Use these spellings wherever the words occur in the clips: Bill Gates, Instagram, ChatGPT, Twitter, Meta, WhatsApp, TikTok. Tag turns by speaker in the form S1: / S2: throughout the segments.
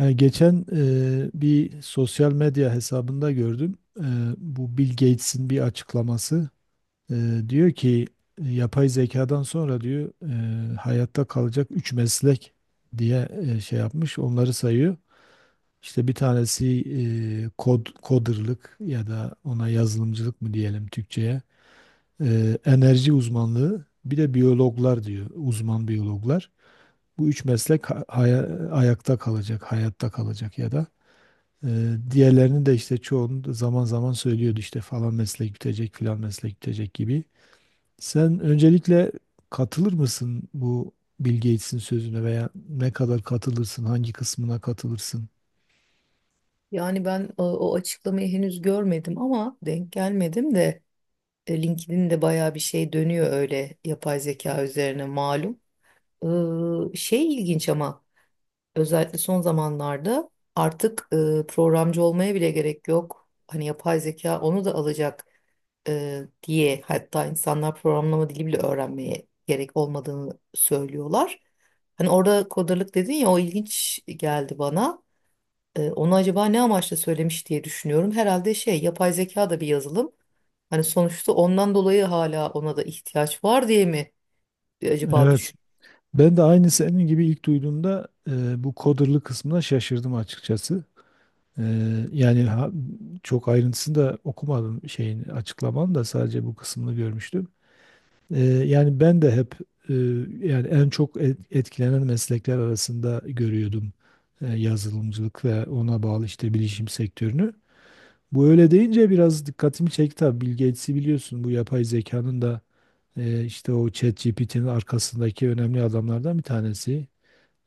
S1: Geçen bir sosyal medya hesabında gördüm. Bu Bill Gates'in bir açıklaması. Diyor ki yapay zekadan sonra diyor hayatta kalacak 3 meslek diye şey yapmış. Onları sayıyor. İşte bir tanesi kod coderlık ya da ona yazılımcılık mı diyelim Türkçe'ye. Enerji uzmanlığı bir de biyologlar diyor. Uzman biyologlar. Bu üç meslek ayakta kalacak, hayatta kalacak ya da. Diğerlerini de işte çoğunu zaman zaman söylüyordu, işte falan meslek bitecek, filan meslek bitecek gibi. Sen öncelikle katılır mısın bu Bill Gates'in sözüne, veya ne kadar katılırsın, hangi kısmına katılırsın?
S2: Yani ben o açıklamayı henüz görmedim ama denk gelmedim de LinkedIn'de bayağı bir şey dönüyor öyle yapay zeka üzerine malum. Şey ilginç ama özellikle son zamanlarda artık programcı olmaya bile gerek yok. Hani yapay zeka onu da alacak diye hatta insanlar programlama dili bile öğrenmeye gerek olmadığını söylüyorlar. Hani orada kodarlık dedin ya o ilginç geldi bana. Onu acaba ne amaçla söylemiş diye düşünüyorum. Herhalde şey yapay zeka da bir yazılım. Hani sonuçta ondan dolayı hala ona da ihtiyaç var diye mi acaba
S1: Evet.
S2: düşün.
S1: Ben de aynı senin gibi ilk duyduğumda bu coder'lı kısmına şaşırdım açıkçası. E, Yani çok ayrıntısını da okumadım şeyin, açıklamanın da sadece bu kısmını görmüştüm. Yani ben de hep e, yani en çok etkilenen meslekler arasında görüyordum yazılımcılık ve ona bağlı işte bilişim sektörünü. Bu öyle deyince biraz dikkatimi çekti tabii. Bill Gates'i biliyorsun, bu yapay zekanın da işte o ChatGPT'nin arkasındaki önemli adamlardan bir tanesi.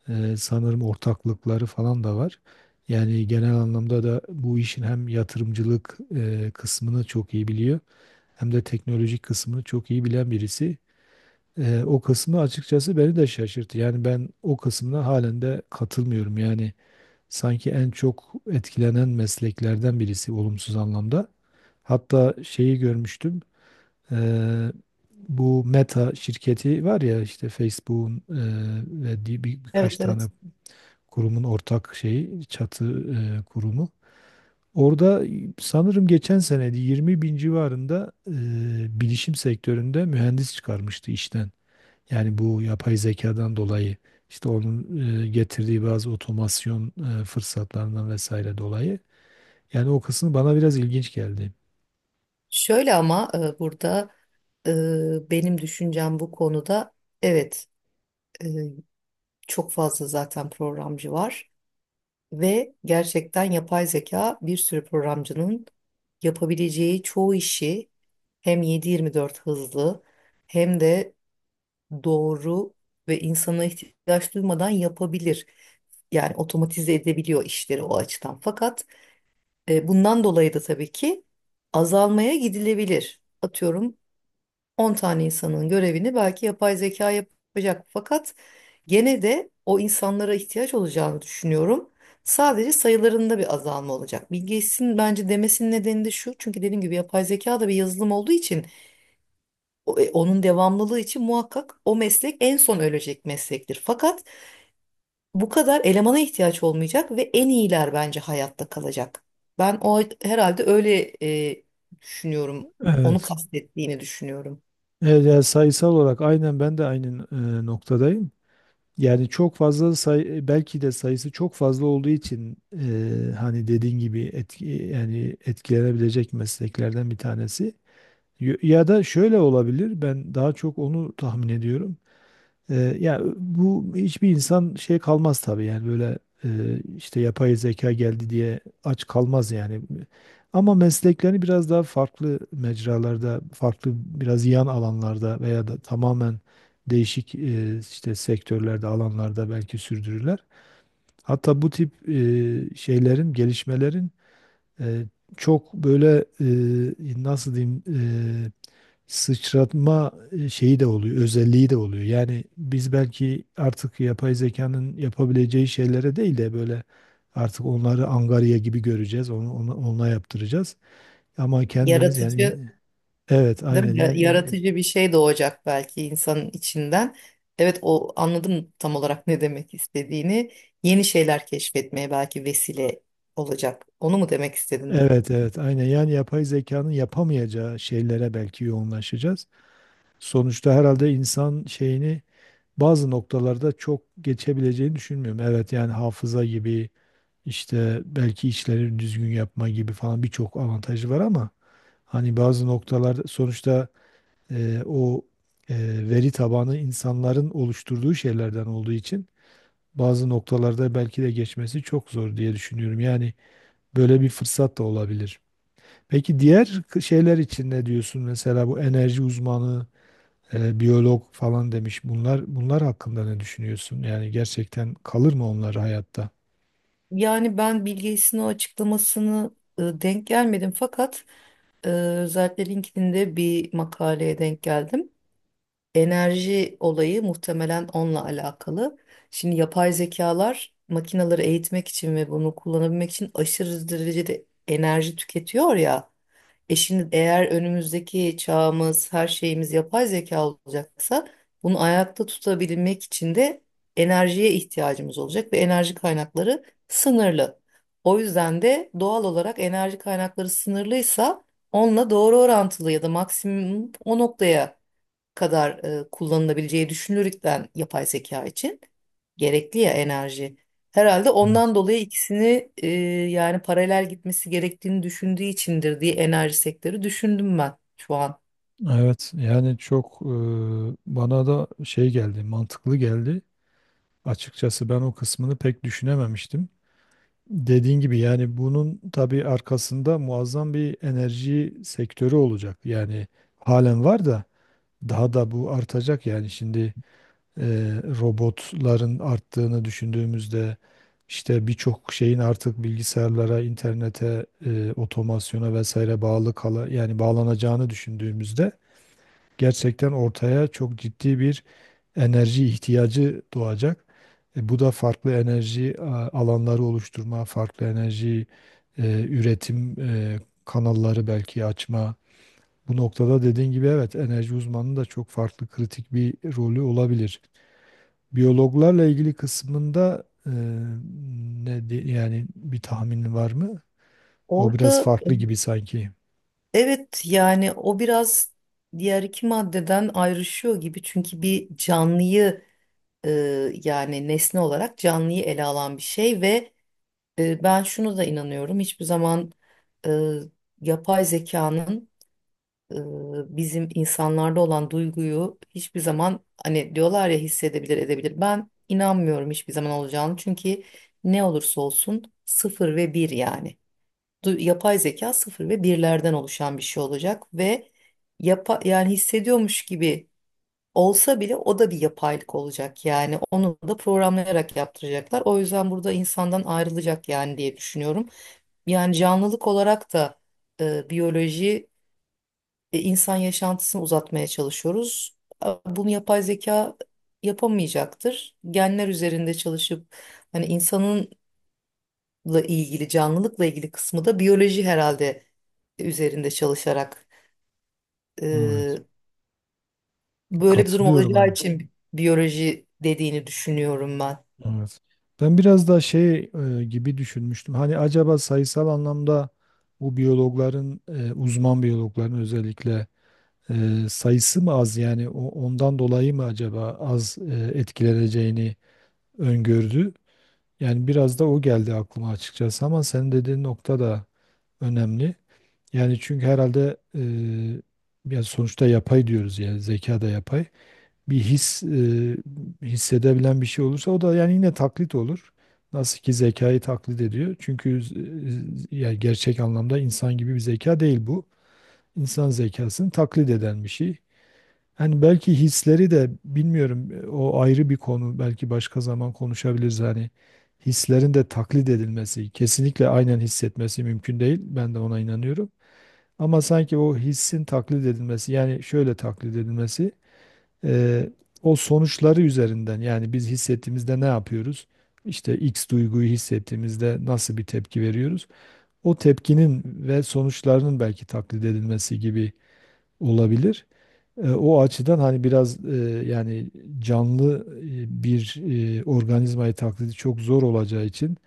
S1: Sanırım ortaklıkları falan da var. Yani genel anlamda da bu işin hem yatırımcılık kısmını çok iyi biliyor, hem de teknolojik kısmını çok iyi bilen birisi. O kısmı açıkçası beni de şaşırttı. Yani ben o kısmına halen de katılmıyorum. Yani sanki en çok etkilenen mesleklerden birisi olumsuz anlamda. Hatta şeyi görmüştüm. Eee, Bu Meta şirketi var ya, işte Facebook'un ve birkaç
S2: Evet,
S1: tane
S2: evet.
S1: kurumun ortak şeyi, çatı kurumu. Orada sanırım geçen seneydi, 20 bin civarında bilişim sektöründe mühendis çıkarmıştı işten. Yani bu yapay zekadan dolayı, işte onun getirdiği bazı otomasyon fırsatlarından vesaire dolayı. Yani o kısmı bana biraz ilginç geldi.
S2: Şöyle ama burada benim düşüncem bu konuda, evet, e, çok fazla zaten programcı var ve gerçekten yapay zeka bir sürü programcının yapabileceği çoğu işi hem 7/24 hızlı hem de doğru ve insana ihtiyaç duymadan yapabilir. Yani otomatize edebiliyor işleri o açıdan. Fakat bundan dolayı da tabii ki azalmaya gidilebilir. Atıyorum 10 tane insanın görevini belki yapay zeka yapacak. Fakat gene de o insanlara ihtiyaç olacağını düşünüyorum. Sadece sayılarında bir azalma olacak. Bill Gates'in bence demesinin nedeni de şu. Çünkü dediğim gibi yapay zeka da bir yazılım olduğu için onun devamlılığı için muhakkak o meslek en son ölecek meslektir. Fakat bu kadar elemana ihtiyaç olmayacak ve en iyiler bence hayatta kalacak. Ben o herhalde öyle e, düşünüyorum. Onu
S1: Evet.
S2: kastettiğini düşünüyorum.
S1: Evet, yani sayısal olarak aynen ben de aynı noktadayım. Yani çok fazla belki de sayısı çok fazla olduğu için hani dediğin gibi yani etkilenebilecek mesleklerden bir tanesi. Ya da şöyle olabilir. Ben daha çok onu tahmin ediyorum. Ya bu hiçbir insan şey kalmaz tabii, yani böyle işte yapay zeka geldi diye aç kalmaz yani. Ama mesleklerini biraz daha farklı mecralarda, farklı biraz yan alanlarda, veya da tamamen değişik işte sektörlerde, alanlarda belki sürdürürler. Hatta bu tip şeylerin, gelişmelerin e, çok böyle nasıl diyeyim e, sıçratma şeyi de oluyor, özelliği de oluyor. Yani biz belki artık yapay zekanın yapabileceği şeylere değil de böyle artık onları angarya gibi göreceğiz, onunla yaptıracağız. Ama kendimiz yani.
S2: Yaratıcı
S1: Evet,
S2: değil
S1: aynen
S2: mi?
S1: yani.
S2: Yaratıcı bir şey doğacak belki insanın içinden. Evet, o anladım tam olarak ne demek istediğini. Yeni şeyler keşfetmeye belki vesile olacak. Onu mu demek istedin?
S1: Evet, evet, aynen yani, yapay zekanın yapamayacağı şeylere belki yoğunlaşacağız. Sonuçta herhalde insan şeyini bazı noktalarda çok geçebileceğini düşünmüyorum. Evet, yani hafıza gibi, İşte belki işleri düzgün yapma gibi falan birçok avantajı var ama hani bazı noktalarda sonuçta o e, veri tabanı insanların oluşturduğu şeylerden olduğu için, bazı noktalarda belki de geçmesi çok zor diye düşünüyorum. Yani böyle bir fırsat da olabilir. Peki diğer şeyler için ne diyorsun? Mesela bu enerji uzmanı, biyolog falan demiş. Bunlar hakkında ne düşünüyorsun? Yani gerçekten kalır mı onlar hayatta?
S2: Yani ben Bill Gates'in o açıklamasını denk gelmedim fakat özellikle LinkedIn'de bir makaleye denk geldim. Enerji olayı muhtemelen onunla alakalı. Şimdi yapay zekalar makinaları eğitmek için ve bunu kullanabilmek için aşırı derecede enerji tüketiyor ya. Şimdi eğer önümüzdeki çağımız, her şeyimiz yapay zeka olacaksa bunu ayakta tutabilmek için de enerjiye ihtiyacımız olacak ve enerji kaynakları sınırlı. O yüzden de doğal olarak enerji kaynakları sınırlıysa onunla doğru orantılı ya da maksimum o noktaya kadar kullanılabileceği düşünülürken yapay zeka için gerekli ya enerji. Herhalde
S1: Evet.
S2: ondan dolayı ikisini yani paralel gitmesi gerektiğini düşündüğü içindir diye enerji sektörü düşündüm ben şu an.
S1: Evet yani bana da şey geldi, mantıklı geldi. Açıkçası ben o kısmını pek düşünememiştim. Dediğin gibi, yani bunun tabii arkasında muazzam bir enerji sektörü olacak. Yani halen var da daha da bu artacak, yani şimdi robotların arttığını düşündüğümüzde, işte birçok şeyin artık bilgisayarlara, internete, otomasyona vesaire bağlı kala yani bağlanacağını düşündüğümüzde, gerçekten ortaya çok ciddi bir enerji ihtiyacı doğacak. Bu da farklı enerji alanları oluşturma, farklı enerji üretim kanalları belki açma. Bu noktada dediğin gibi, evet, enerji uzmanının da çok farklı, kritik bir rolü olabilir. Biyologlarla ilgili kısmında yani bir tahminin var mı? O biraz
S2: Orada
S1: farklı gibi sanki.
S2: evet, yani o biraz diğer iki maddeden ayrışıyor gibi çünkü bir canlıyı e, yani nesne olarak canlıyı ele alan bir şey ve ben şunu da inanıyorum hiçbir zaman e, yapay zekanın bizim insanlarda olan duyguyu hiçbir zaman hani diyorlar ya hissedebilir edebilir. Ben inanmıyorum hiçbir zaman olacağını çünkü ne olursa olsun sıfır ve bir yani. Yapay zeka sıfır ve birlerden oluşan bir şey olacak ve yapa yani hissediyormuş gibi olsa bile o da bir yapaylık olacak yani onu da programlayarak yaptıracaklar. O yüzden burada insandan ayrılacak yani diye düşünüyorum. Yani canlılık olarak da biyoloji insan yaşantısını uzatmaya çalışıyoruz. Bunu yapay zeka yapamayacaktır. Genler üzerinde çalışıp hani insanınla ilgili, canlılıkla ilgili kısmı da biyoloji herhalde üzerinde çalışarak
S1: Evet.
S2: e, böyle bir durum
S1: Katılıyorum
S2: olacağı
S1: aynı.
S2: için biyoloji dediğini düşünüyorum ben.
S1: Evet. Ben biraz da şey gibi düşünmüştüm. Hani acaba sayısal anlamda bu biyologların, uzman biyologların özellikle sayısı mı az, yani ondan dolayı mı acaba az etkileneceğini öngördü? Yani biraz da o geldi aklıma açıkçası, ama senin dediğin nokta da önemli. Yani çünkü herhalde ya sonuçta yapay diyoruz, yani zeka da yapay, bir his hissedebilen bir şey olursa o da yani yine taklit olur. Nasıl ki zekayı taklit ediyor. Çünkü yani gerçek anlamda insan gibi bir zeka değil bu. İnsan zekasını taklit eden bir şey. Hani belki hisleri de bilmiyorum, o ayrı bir konu. Belki başka zaman konuşabiliriz hani. Hislerin de taklit edilmesi, kesinlikle aynen hissetmesi mümkün değil. Ben de ona inanıyorum. Ama sanki o hissin taklit edilmesi, yani şöyle taklit edilmesi, Eee, o sonuçları üzerinden, yani biz hissettiğimizde ne yapıyoruz? İşte X duyguyu hissettiğimizde nasıl bir tepki veriyoruz? O tepkinin ve sonuçlarının belki taklit edilmesi gibi olabilir. O açıdan hani biraz yani canlı bir organizmayı taklidi çok zor olacağı için,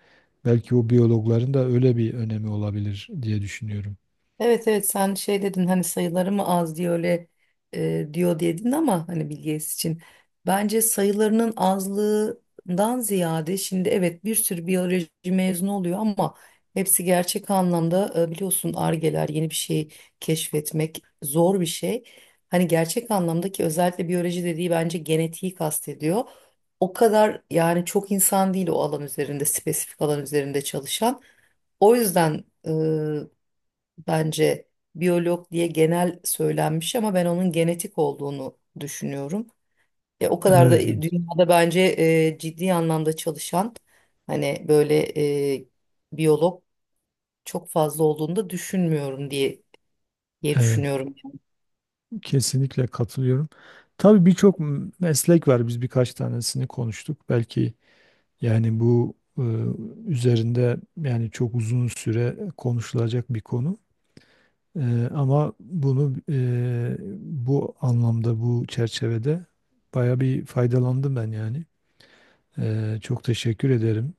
S1: belki o biyologların da öyle bir önemi olabilir diye düşünüyorum.
S2: Evet, evet, sen şey dedin hani sayıları mı az diye öyle diyor diye dedin ama hani Bill Gates için bence sayılarının azlığından ziyade şimdi evet bir sürü biyoloji mezunu oluyor ama hepsi gerçek anlamda biliyorsun argeler yeni bir şey keşfetmek zor bir şey. Hani gerçek anlamdaki özellikle biyoloji dediği bence genetiği kastediyor. O kadar yani çok insan değil o alan üzerinde spesifik alan üzerinde çalışan. O yüzden bence biyolog diye genel söylenmiş ama ben onun genetik olduğunu düşünüyorum. O kadar da
S1: Evet, evet.
S2: dünyada bence ciddi anlamda çalışan hani böyle e, biyolog çok fazla olduğunu da düşünmüyorum diye
S1: Evet.
S2: düşünüyorum.
S1: Kesinlikle katılıyorum. Tabii birçok meslek var. Biz birkaç tanesini konuştuk. Belki yani bu üzerinde yani çok uzun süre konuşulacak bir konu. Ama bunu bu anlamda, bu çerçevede baya bir faydalandım ben yani. Çok teşekkür ederim.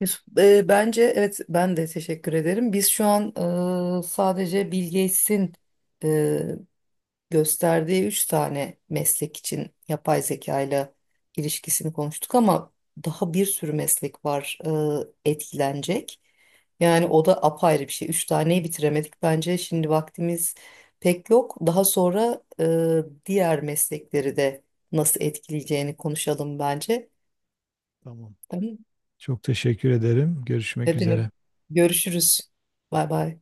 S2: Yusuf, bence evet, ben de teşekkür ederim. Biz şu an sadece Bill Gates'in gösterdiği üç tane meslek için yapay zeka ile ilişkisini konuştuk ama daha bir sürü meslek var etkilenecek. Yani o da apayrı bir şey. Üç taneyi bitiremedik bence. Şimdi vaktimiz pek yok. Daha sonra diğer meslekleri de nasıl etkileyeceğini konuşalım bence.
S1: Tamam.
S2: Tamam.
S1: Çok teşekkür ederim. Görüşmek
S2: Ne demek?
S1: üzere.
S2: Görüşürüz. Bay bay.